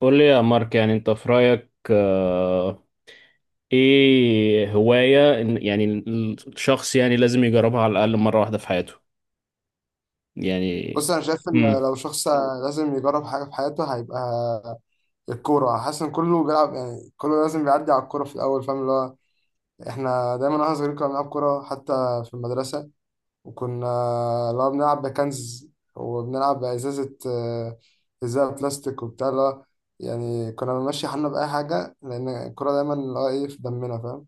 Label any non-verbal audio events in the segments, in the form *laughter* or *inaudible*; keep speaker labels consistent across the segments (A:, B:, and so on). A: قول لي يا مارك، يعني انت في رأيك ايه هواية يعني الشخص يعني لازم يجربها على الأقل مرة واحدة في حياته يعني.
B: بص انا شايف ان
A: امم
B: لو شخص لازم يجرب حاجه في حياته هيبقى الكوره، حاسس ان كله بيلعب، يعني كله لازم بيعدي على الكوره في الاول، فاهم؟ اللي هو احنا دايما واحنا صغيرين كنا بنلعب كوره حتى في المدرسه، وكنا اللي هو بنلعب بكنز وبنلعب بازازه. ازازه بلاستيك وبتاع اللي هو يعني كنا بنمشي حالنا باي حاجه، لان الكوره دايما اللي هو ايه في دمنا، فاهم؟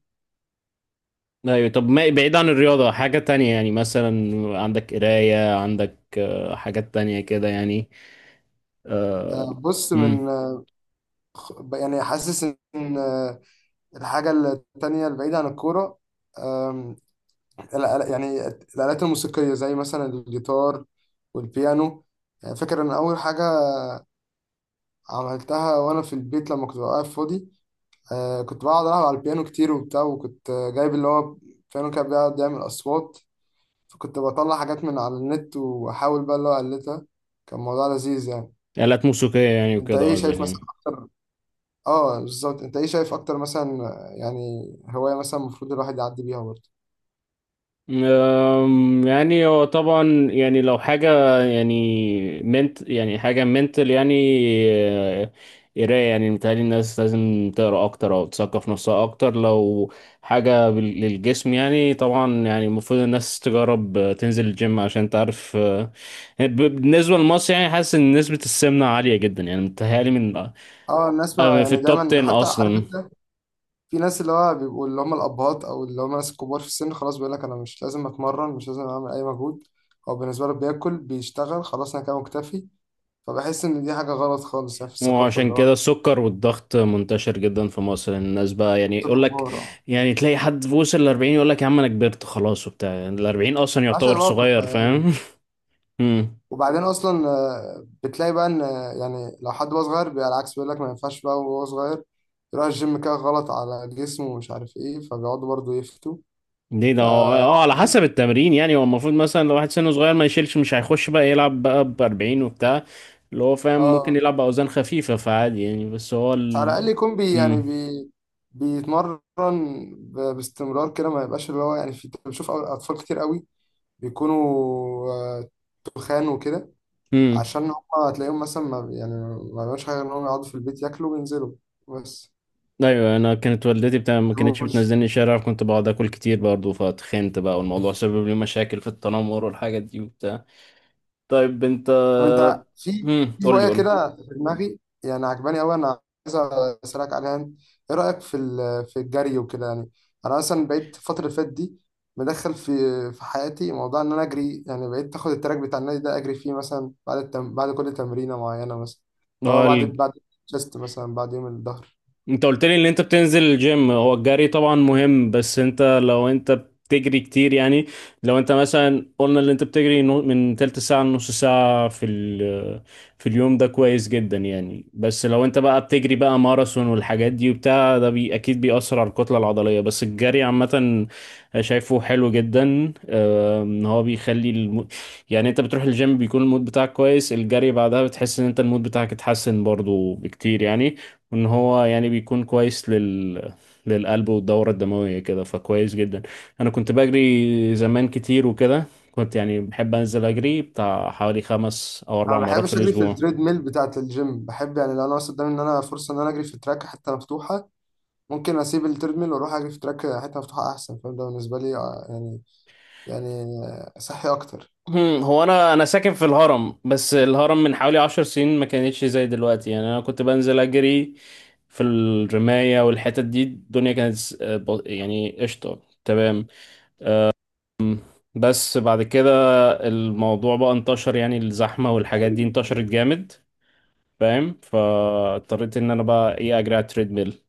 A: ايوه، طب ما بعيد عن الرياضة حاجة تانية، يعني مثلا عندك قراية، عندك حاجات تانية كده يعني.
B: آه، بص
A: امم
B: من آه، يعني حاسس ان الحاجه التانيه البعيده عن الكوره يعني الآلات الموسيقية، زي مثلا الجيتار والبيانو. يعني فاكر إن أول حاجة عملتها وأنا في البيت لما كنت ببقى قاعد فاضي، كنت بقعد ألعب على البيانو كتير وبتاع، وكنت جايب اللي هو بيانو كان بيقعد يعمل أصوات، فكنت بطلع حاجات من على النت وأحاول بقى اللي هو أقلدها. كان موضوع لذيذ يعني.
A: آلات موسيقية يعني
B: أنت
A: وكده
B: إيه
A: قصدك
B: شايف مثلا
A: يعني؟
B: أكتر؟ آه، بالظبط. أنت إيه شايف أكتر مثلا؟ يعني هواية مثلا المفروض الواحد يعدي بيها برضه.
A: يعني هو طبعا يعني لو حاجة، يعني منت، يعني حاجة منتل، يعني آه، قراية، يعني متهيألي الناس لازم تقرا أكتر أو تثقف نفسها أكتر. لو حاجة للجسم، يعني طبعا يعني المفروض الناس تجرب، تنزل الجيم عشان تعرف. بالنسبة لمصر يعني حاسس إن نسبة السمنة عالية جدا، يعني متهيألي من
B: آه، الناس ما
A: في
B: يعني
A: التوب
B: دايما،
A: 10
B: حتى عارف
A: أصلا.
B: أنت، في ناس اللي هو بيبقوا اللي هم الأبهات أو اللي هم ناس كبار في السن، خلاص بيقول لك أنا مش لازم أتمرن، مش لازم أعمل أي مجهود. هو بالنسبة له بياكل بيشتغل، خلاص أنا كده مكتفي. فبحس إن دي حاجة غلط خالص، يعني في الثقافة
A: وعشان
B: اللي هو
A: كده السكر والضغط منتشر جدا في مصر، الناس بقى يعني يقول لك
B: الكبار. آه.
A: يعني تلاقي حد في وصل ل 40 يقول لك: يا عم انا كبرت خلاص وبتاع، يعني ال 40 اصلا
B: ملهاش
A: يعتبر
B: علاقة
A: صغير،
B: يعني.
A: فاهم؟ *laughs* امم
B: وبعدين أصلا بتلاقي بقى إن يعني لو حد هو صغير بيبقى العكس، بيقول لك ما ينفعش بقى وهو صغير يروح الجيم، كده غلط على جسمه ومش عارف إيه، فبيقعدوا برضه يفتوا.
A: ليه ده؟
B: ف *laughs*
A: على حسب التمرين، يعني هو المفروض مثلا لو واحد سنه صغير ما يشيلش، مش هيخش بقى يلعب بقى ب 40 وبتاع اللي هو فاهم، ممكن
B: آه،
A: يلعب باوزان خفيفة فعادي يعني، بس هو
B: على الأقل
A: ال
B: يكون بي بيتمرن باستمرار كده، ما يبقاش اللي هو يعني. في بشوف أطفال كتير قوي بيكونوا آه، تخان وكده،
A: امم
B: عشان هم هتلاقيهم مثلا ما بي- يعني ما بيعملوش حاجة غير إنهم يقعدوا في البيت ياكلوا وينزلوا بس.
A: ايوه انا كانت والدتي بتاع ما كانتش
B: كروش.
A: بتنزلني الشارع، كنت بقعد اكل كتير برضه فاتخنت بقى، والموضوع سبب لي مشاكل في التنمر والحاجات دي وبتاع. طيب انت.
B: طب انت في
A: مم.
B: في
A: قول لي،
B: هوايه كده في دماغي، يعني عجباني قوي انا، عايز اسالك عليها انت. ايه رايك في في الجري وكده يعني؟ انا مثلا بقيت الفتره اللي فاتت دي مدخل في في حياتي موضوع ان انا اجري، يعني بقيت اخد التراك بتاع النادي ده اجري فيه، مثلا بعد التم... بعد كل تمرينه معينه، مثلا لو
A: قول
B: بعد
A: لي.
B: بعد الشيست، مثلا بعد يوم الظهر.
A: انت قلت لي ان انت بتنزل الجيم، هو الجري طبعا مهم، بس انت لو انت بتجري كتير يعني، لو انت مثلا قلنا ان انت بتجري من تلت ساعة لنص ساعة في في اليوم، ده كويس جدا يعني، بس لو انت بقى بتجري بقى ماراثون والحاجات دي وبتاع ده بي اكيد بيأثر على الكتلة العضلية. بس الجري عامة شايفه حلو جدا، ان هو بيخلي يعني انت بتروح الجيم بيكون المود بتاعك كويس، الجري بعدها بتحس ان انت المود بتاعك اتحسن برضو بكتير يعني، ان هو يعني بيكون كويس للقلب والدورة الدموية كده، فكويس جدا. انا كنت بجري زمان كتير وكده، كنت يعني بحب انزل اجري بتاع حوالي خمس او
B: انا
A: اربع
B: ما
A: مرات في
B: بحبش اجري في
A: الاسبوع.
B: التريد ميل بتاعه الجيم، بحب يعني لو انا مثلا قدامي ان انا فرصه ان انا اجري في تراك حته مفتوحه، ممكن اسيب التريد ميل واروح اجري في تراك حته مفتوحه احسن. فده بالنسبه لي يعني يعني صحي اكتر.
A: هو انا ساكن في الهرم، بس الهرم من حوالي 10 سنين ما كانتش زي دلوقتي، يعني انا كنت بنزل اجري في الرماية والحتت دي، الدنيا كانت يعني قشطة. تمام. بس بعد كده الموضوع بقى انتشر، يعني الزحمة والحاجات دي انتشرت جامد. فاهم؟ فاضطريت ان انا بقى ايه اجري على التريدميل.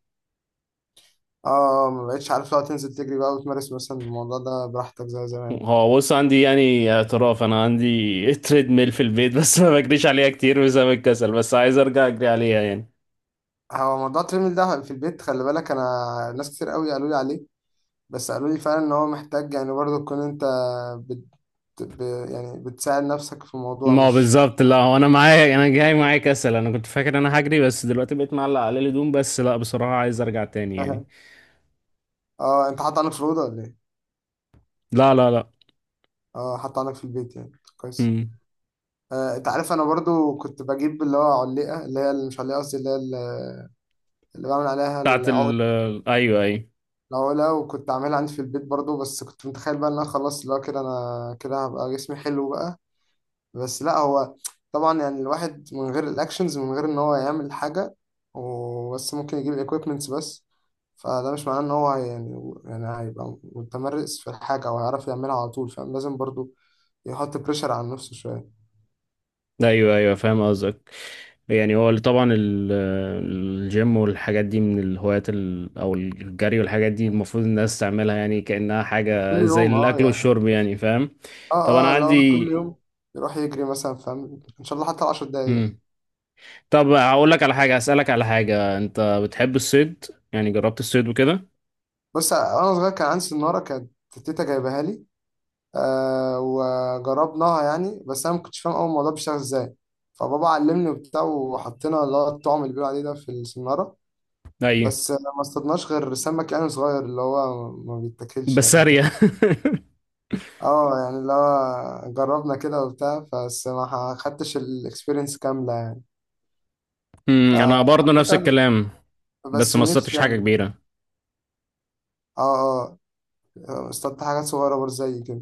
B: اه ما بقتش عارف لو تنزل تجري بقى وتمارس مثلا الموضوع ده براحتك زي زمان.
A: هو بص، عندي يعني اعتراف، انا عندي *laughs* تريدميل في البيت بس ما بجريش عليها كتير بسبب الكسل، بس عايز ارجع اجري عليها يعني.
B: هو موضوع التريدميل ده في البيت، خلي بالك انا ناس كتير قوي قالوا لي عليه، بس قالوا لي فعلا ان هو محتاج يعني برضه تكون انت بت... ب... يعني بتساعد نفسك في الموضوع
A: ما هو
B: مش
A: بالظبط. لا، هو انا معايا، انا جاي معايا كسل، انا كنت فاكر إن انا هجري بس دلوقتي بقيت معلق على الهدوم، بس لا، بصراحة عايز ارجع تاني يعني.
B: *laughs* اه. انت حاطط عنك في الاوضه ولا ايه؟
A: لا، لا، لا.
B: اه، حاطط عنك في البيت يعني؟ كويس.
A: امم
B: آه، انت عارف انا برضو كنت بجيب اللي هو علقه، اللي هي اللي مش علقه، قصدي اللي هي اللي اللي بعمل عليها
A: بتاعت
B: العقد.
A: ال، ايوه، ايوه.
B: لو لو كنت عاملها عندي في البيت برضو، بس كنت متخيل بقى ان انا خلاص لا كده، انا كده هبقى جسمي حلو بقى. بس لا، هو طبعا يعني الواحد من غير الاكشنز، من غير ان هو يعمل حاجة وبس ممكن يجيب الايكويبمنتس بس، فده مش معناه ان هو يعني يعني هيبقى متمرس في الحاجة او هيعرف يعملها على طول، فاهم؟ لازم برضو يحط بريشر على نفسه شوية.
A: ايوه، ايوه، فاهم قصدك. يعني هو اللي طبعا الجيم والحاجات دي من الهوايات او الجري والحاجات دي المفروض الناس تعملها يعني كأنها
B: كل
A: حاجة زي
B: يوم اه
A: الاكل
B: يعني،
A: والشرب، يعني فاهم؟ طب
B: اه
A: انا
B: اه لو
A: عندي.
B: كل يوم يروح يجري مثلا، فاهم؟ ان شاء الله حتى 10 دقايق.
A: مم. طب هقول لك على حاجة، هسألك على حاجة. انت بتحب الصيد؟ يعني جربت الصيد وكده؟
B: بص وانا صغير كان عندي سنارة، كانت تيتا جايبها لي، آه وجربناها يعني، بس انا ما كنتش فاهم اول الموضوع بيشتغل ازاي، فبابا علمني وبتاع، وحطينا اللي هو الطعم اللي بيقولوا عليه ده في السنارة.
A: ايوه،
B: بس ما اصطدناش غير سمك يعني صغير اللي هو ما بيتاكلش،
A: بس
B: يعني فاهم؟
A: سارية.
B: اه يعني اللي هو جربنا كده وبتاع، بس ما خدتش الاكسبيرينس كاملة يعني.
A: *laughs* انا برضو نفس
B: فعامة
A: الكلام، بس
B: بس
A: ما
B: نفسي
A: صدتش حاجة
B: يعني،
A: كبيرة.
B: اه اه اصطدت حاجات صغيرة برضه زي كده.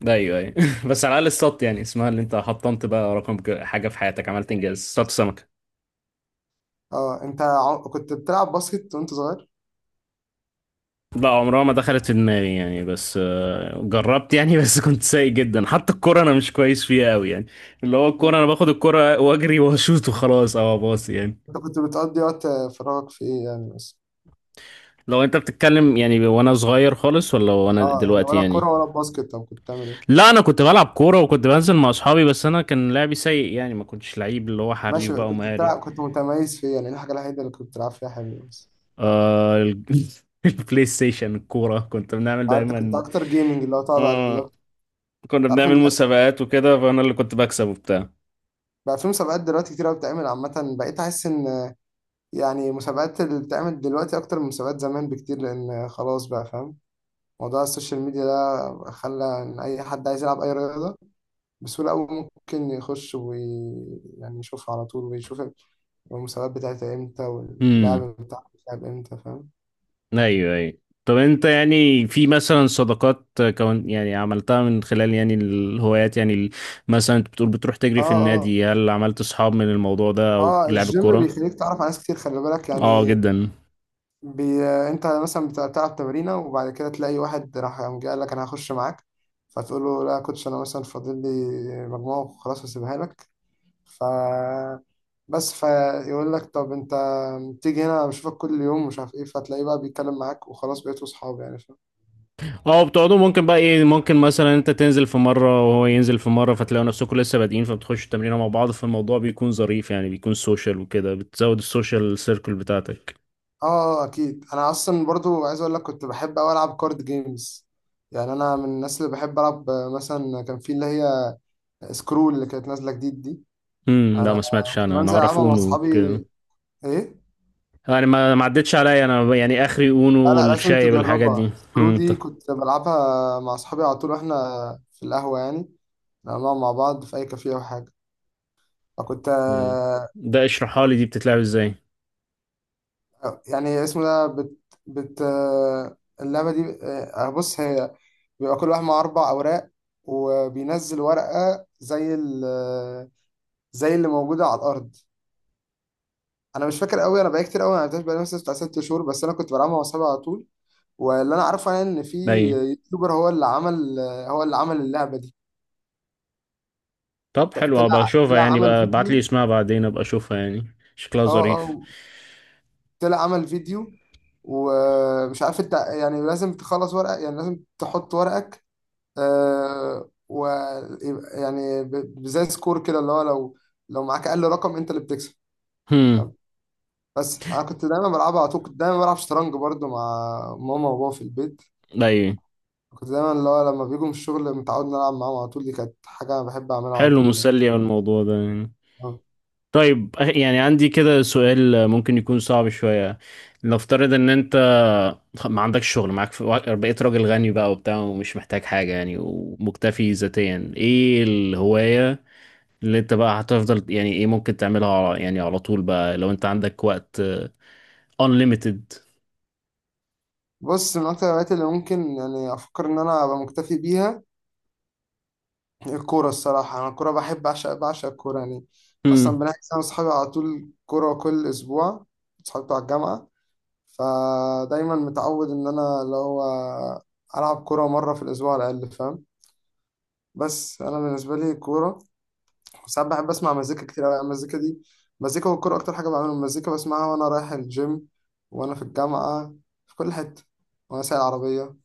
A: ده ايوه، ايوه. *laughs* بس على الاقل الصوت، يعني اسمها اللي انت حطمت بقى رقم حاجه في حياتك، عملت انجاز صوت سمكه.
B: اه انت كنت بتلعب باسكت وانت صغير؟
A: لا، عمرها ما دخلت في دماغي يعني، بس جربت يعني. *laughs* بس كنت سيء جدا، حتى الكوره انا مش كويس فيها قوي يعني، اللي هو الكوره
B: مم.
A: انا باخد الكوره واجري واشوط وخلاص او اباصي يعني.
B: انت كنت بتقضي وقت فراغك في ايه يعني بس؟
A: لو انت بتتكلم يعني وانا صغير خالص، ولا وانا
B: اه يعني
A: دلوقتي
B: ولا
A: يعني؟
B: كرة ولا باسكت، طب كنت بتعمل ايه؟
A: لا، انا كنت بلعب كوره وكنت بنزل مع اصحابي، بس انا كان لعبي سيء يعني، ما كنتش لعيب اللي هو حريف
B: ماشي،
A: بقى
B: كنت
A: ومهاري.
B: بتلعب، كنت متميز فيها يعني، الحاجة الوحيدة اللي كنت بتلعب فيها حلو بس.
A: آه ال- *laughs* البلاي ستيشن الكورة كنت بنعمل
B: آه، انت كنت
A: دايما.
B: اكتر جيمنج اللي هو تقعد على
A: اه،
B: اللابتوب.
A: كنا
B: تعرف ان
A: بنعمل
B: دلوقتي
A: مسابقات وكده فانا اللي كنت بكسب وبتاع.
B: بقى في مسابقات دلوقتي كتير قوي بتتعمل عامة، بقيت احس ان يعني مسابقات اللي بتتعمل دلوقتي اكتر من مسابقات زمان بكتير، لان خلاص بقى فاهم موضوع السوشيال ميديا ده، خلى ان اي حد عايز يلعب اي رياضة بسهولة قوي ممكن يخش وي يعني يشوفها على طول، ويشوف المسابقات بتاعتها امتى
A: امم
B: واللعب بتاعها بتلعب امتى، فاهم؟
A: ايوه، ايوه. طب انت يعني في مثلا صداقات كون يعني عملتها من خلال يعني الهوايات، يعني مثلا انت بتقول بتروح تجري
B: اه
A: في
B: اه.
A: النادي، هل عملت اصحاب من الموضوع ده او
B: اه
A: لعب
B: الجيم
A: الكورة؟
B: بيخليك تعرف على ناس كتير، خلي بالك
A: اه،
B: يعني.
A: جدا.
B: بي... انت مثلا بتلعب تمرينه وبعد كده تلاقي واحد راح قام جاي قال لك انا هخش معاك، فتقول له لا يا كوتش انا مثلا فاضل لي مجموعه وخلاص هسيبها لك. ف بس فيقول لك طب انت تيجي هنا بشوفك كل يوم مش عارف ايه، فتلاقيه بقى بيتكلم معاك وخلاص بقيتوا اصحاب يعني، فاهم؟
A: اه، بتقعدوا ممكن بقى ايه، ممكن مثلا انت تنزل في مرة وهو ينزل في مرة فتلاقوا نفسكم لسه بادئين فبتخشوا التمرين مع بعض، فالموضوع بيكون ظريف يعني، بيكون سوشيال وكده بتزود السوشيال سيركل بتاعتك.
B: اه. آه، اكيد. انا اصلا برضو عايز اقول لك كنت بحب اوي العب كارد جيمز، يعني انا من الناس اللي بحب العب. آه، مثلا كان في اللي هي سكرول اللي كانت نازله جديد دي،
A: لا،
B: انا
A: ما سمعتش.
B: كنت
A: انا
B: بنزل
A: اعرف
B: العبها مع
A: اونو
B: اصحابي.
A: كده،
B: ايه،
A: يعني ما عدتش عليا انا، يعني اخري
B: لا
A: اونو
B: لا لازم
A: الشايب الحاجات دي.
B: تجربها، سكرو
A: طب.
B: دي كنت بلعبها مع اصحابي على طول، واحنا في القهوه يعني لما بنقعد مع بعض في اي كافيه او حاجه، فكنت
A: مم. ده اشرحها لي دي بتتلعب ازاي؟
B: آه، يعني اسمه ده بت. اللعبه دي آه، بص هي بيبقى كل واحد مع اربع اوراق، وبينزل ورقه زي اللي موجوده على الارض. انا مش فاكر قوي، انا بقالي كتير قوي ما لعبتهاش، بقالي مثلا بتاع ست شهور، بس انا كنت بلعبها مع اصحابي على طول. واللي انا عارفه يعني ان في
A: باين.
B: يوتيوبر هو اللي عمل اللعبه دي.
A: طب حلو، ابقى
B: طلع
A: اشوفها
B: طلع
A: يعني،
B: عمل
A: بقى ابعت لي
B: فيديو.
A: اسمها بعدين ابقى اشوفها يعني. شكلها
B: اه
A: ظريف.
B: اه، طلع عمل فيديو. ومش عارف انت يعني لازم تخلص ورقه، يعني لازم تحط ورقك. آه و يعني زي سكور كده، اللي هو لو لو معاك اقل رقم انت اللي بتكسب،
A: امم
B: فاهم؟ بس انا كنت دايما بلعبها على طول، كنت دايما بلعب شطرنج برضو مع ماما وبابا في البيت.
A: باين.
B: كنت دايما اللي هو لما بيجوا من الشغل متعود نلعب معاهم على طول، دي كانت حاجه بحب اعملها على
A: حلو،
B: طول يعني.
A: مسلي أوي الموضوع ده يعني.
B: آه.
A: طيب، يعني عندي كده سؤال ممكن يكون صعب شوية. نفترض ان انت ما عندكش شغل معاك، بقيت راجل غني بقى وبتاع ومش محتاج حاجة يعني، ومكتفي ذاتيا. ايه الهواية اللي انت بقى هتفضل يعني، ايه ممكن تعملها يعني على طول بقى لو انت عندك وقت unlimited؟
B: بص من أكتر الهوايات اللي ممكن يعني أفكر إن أنا أبقى مكتفي بيها الكورة الصراحة. أنا الكورة بحب أعشق، بعشق الكورة يعني. أصلا بنحجز أنا وأصحابي على طول كورة كل أسبوع، أصحابي بتوع الجامعة. فدايما متعود إن أنا اللي هو ألعب كورة مرة في الأسبوع على الأقل، فاهم؟ بس أنا بالنسبة لي الكورة ساعات بحب أسمع مزيكا كتير أوي يعني، المزيكا دي مزيكا والكورة أكتر حاجة بعملها. المزيكا بسمعها وأنا رايح الجيم، وأنا في الجامعة، في كل حتة، وأنا سايق العربية.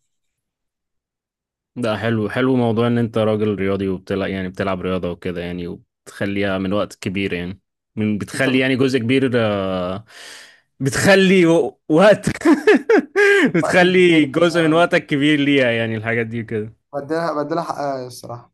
A: ده حلو، حلو موضوع ان انت راجل رياضي وبتلعب، يعني بتلعب رياضة وكده يعني، وبتخليها من وقت كبير يعني،
B: أنت
A: بتخلي
B: بت...
A: يعني جزء كبير، بتخلي وقت. *laughs*
B: وقت
A: بتخلي
B: كبير
A: جزء من
B: يعني،
A: وقتك كبير ليها، يعني الحاجات دي كده.
B: بدلها حقها الصراحة.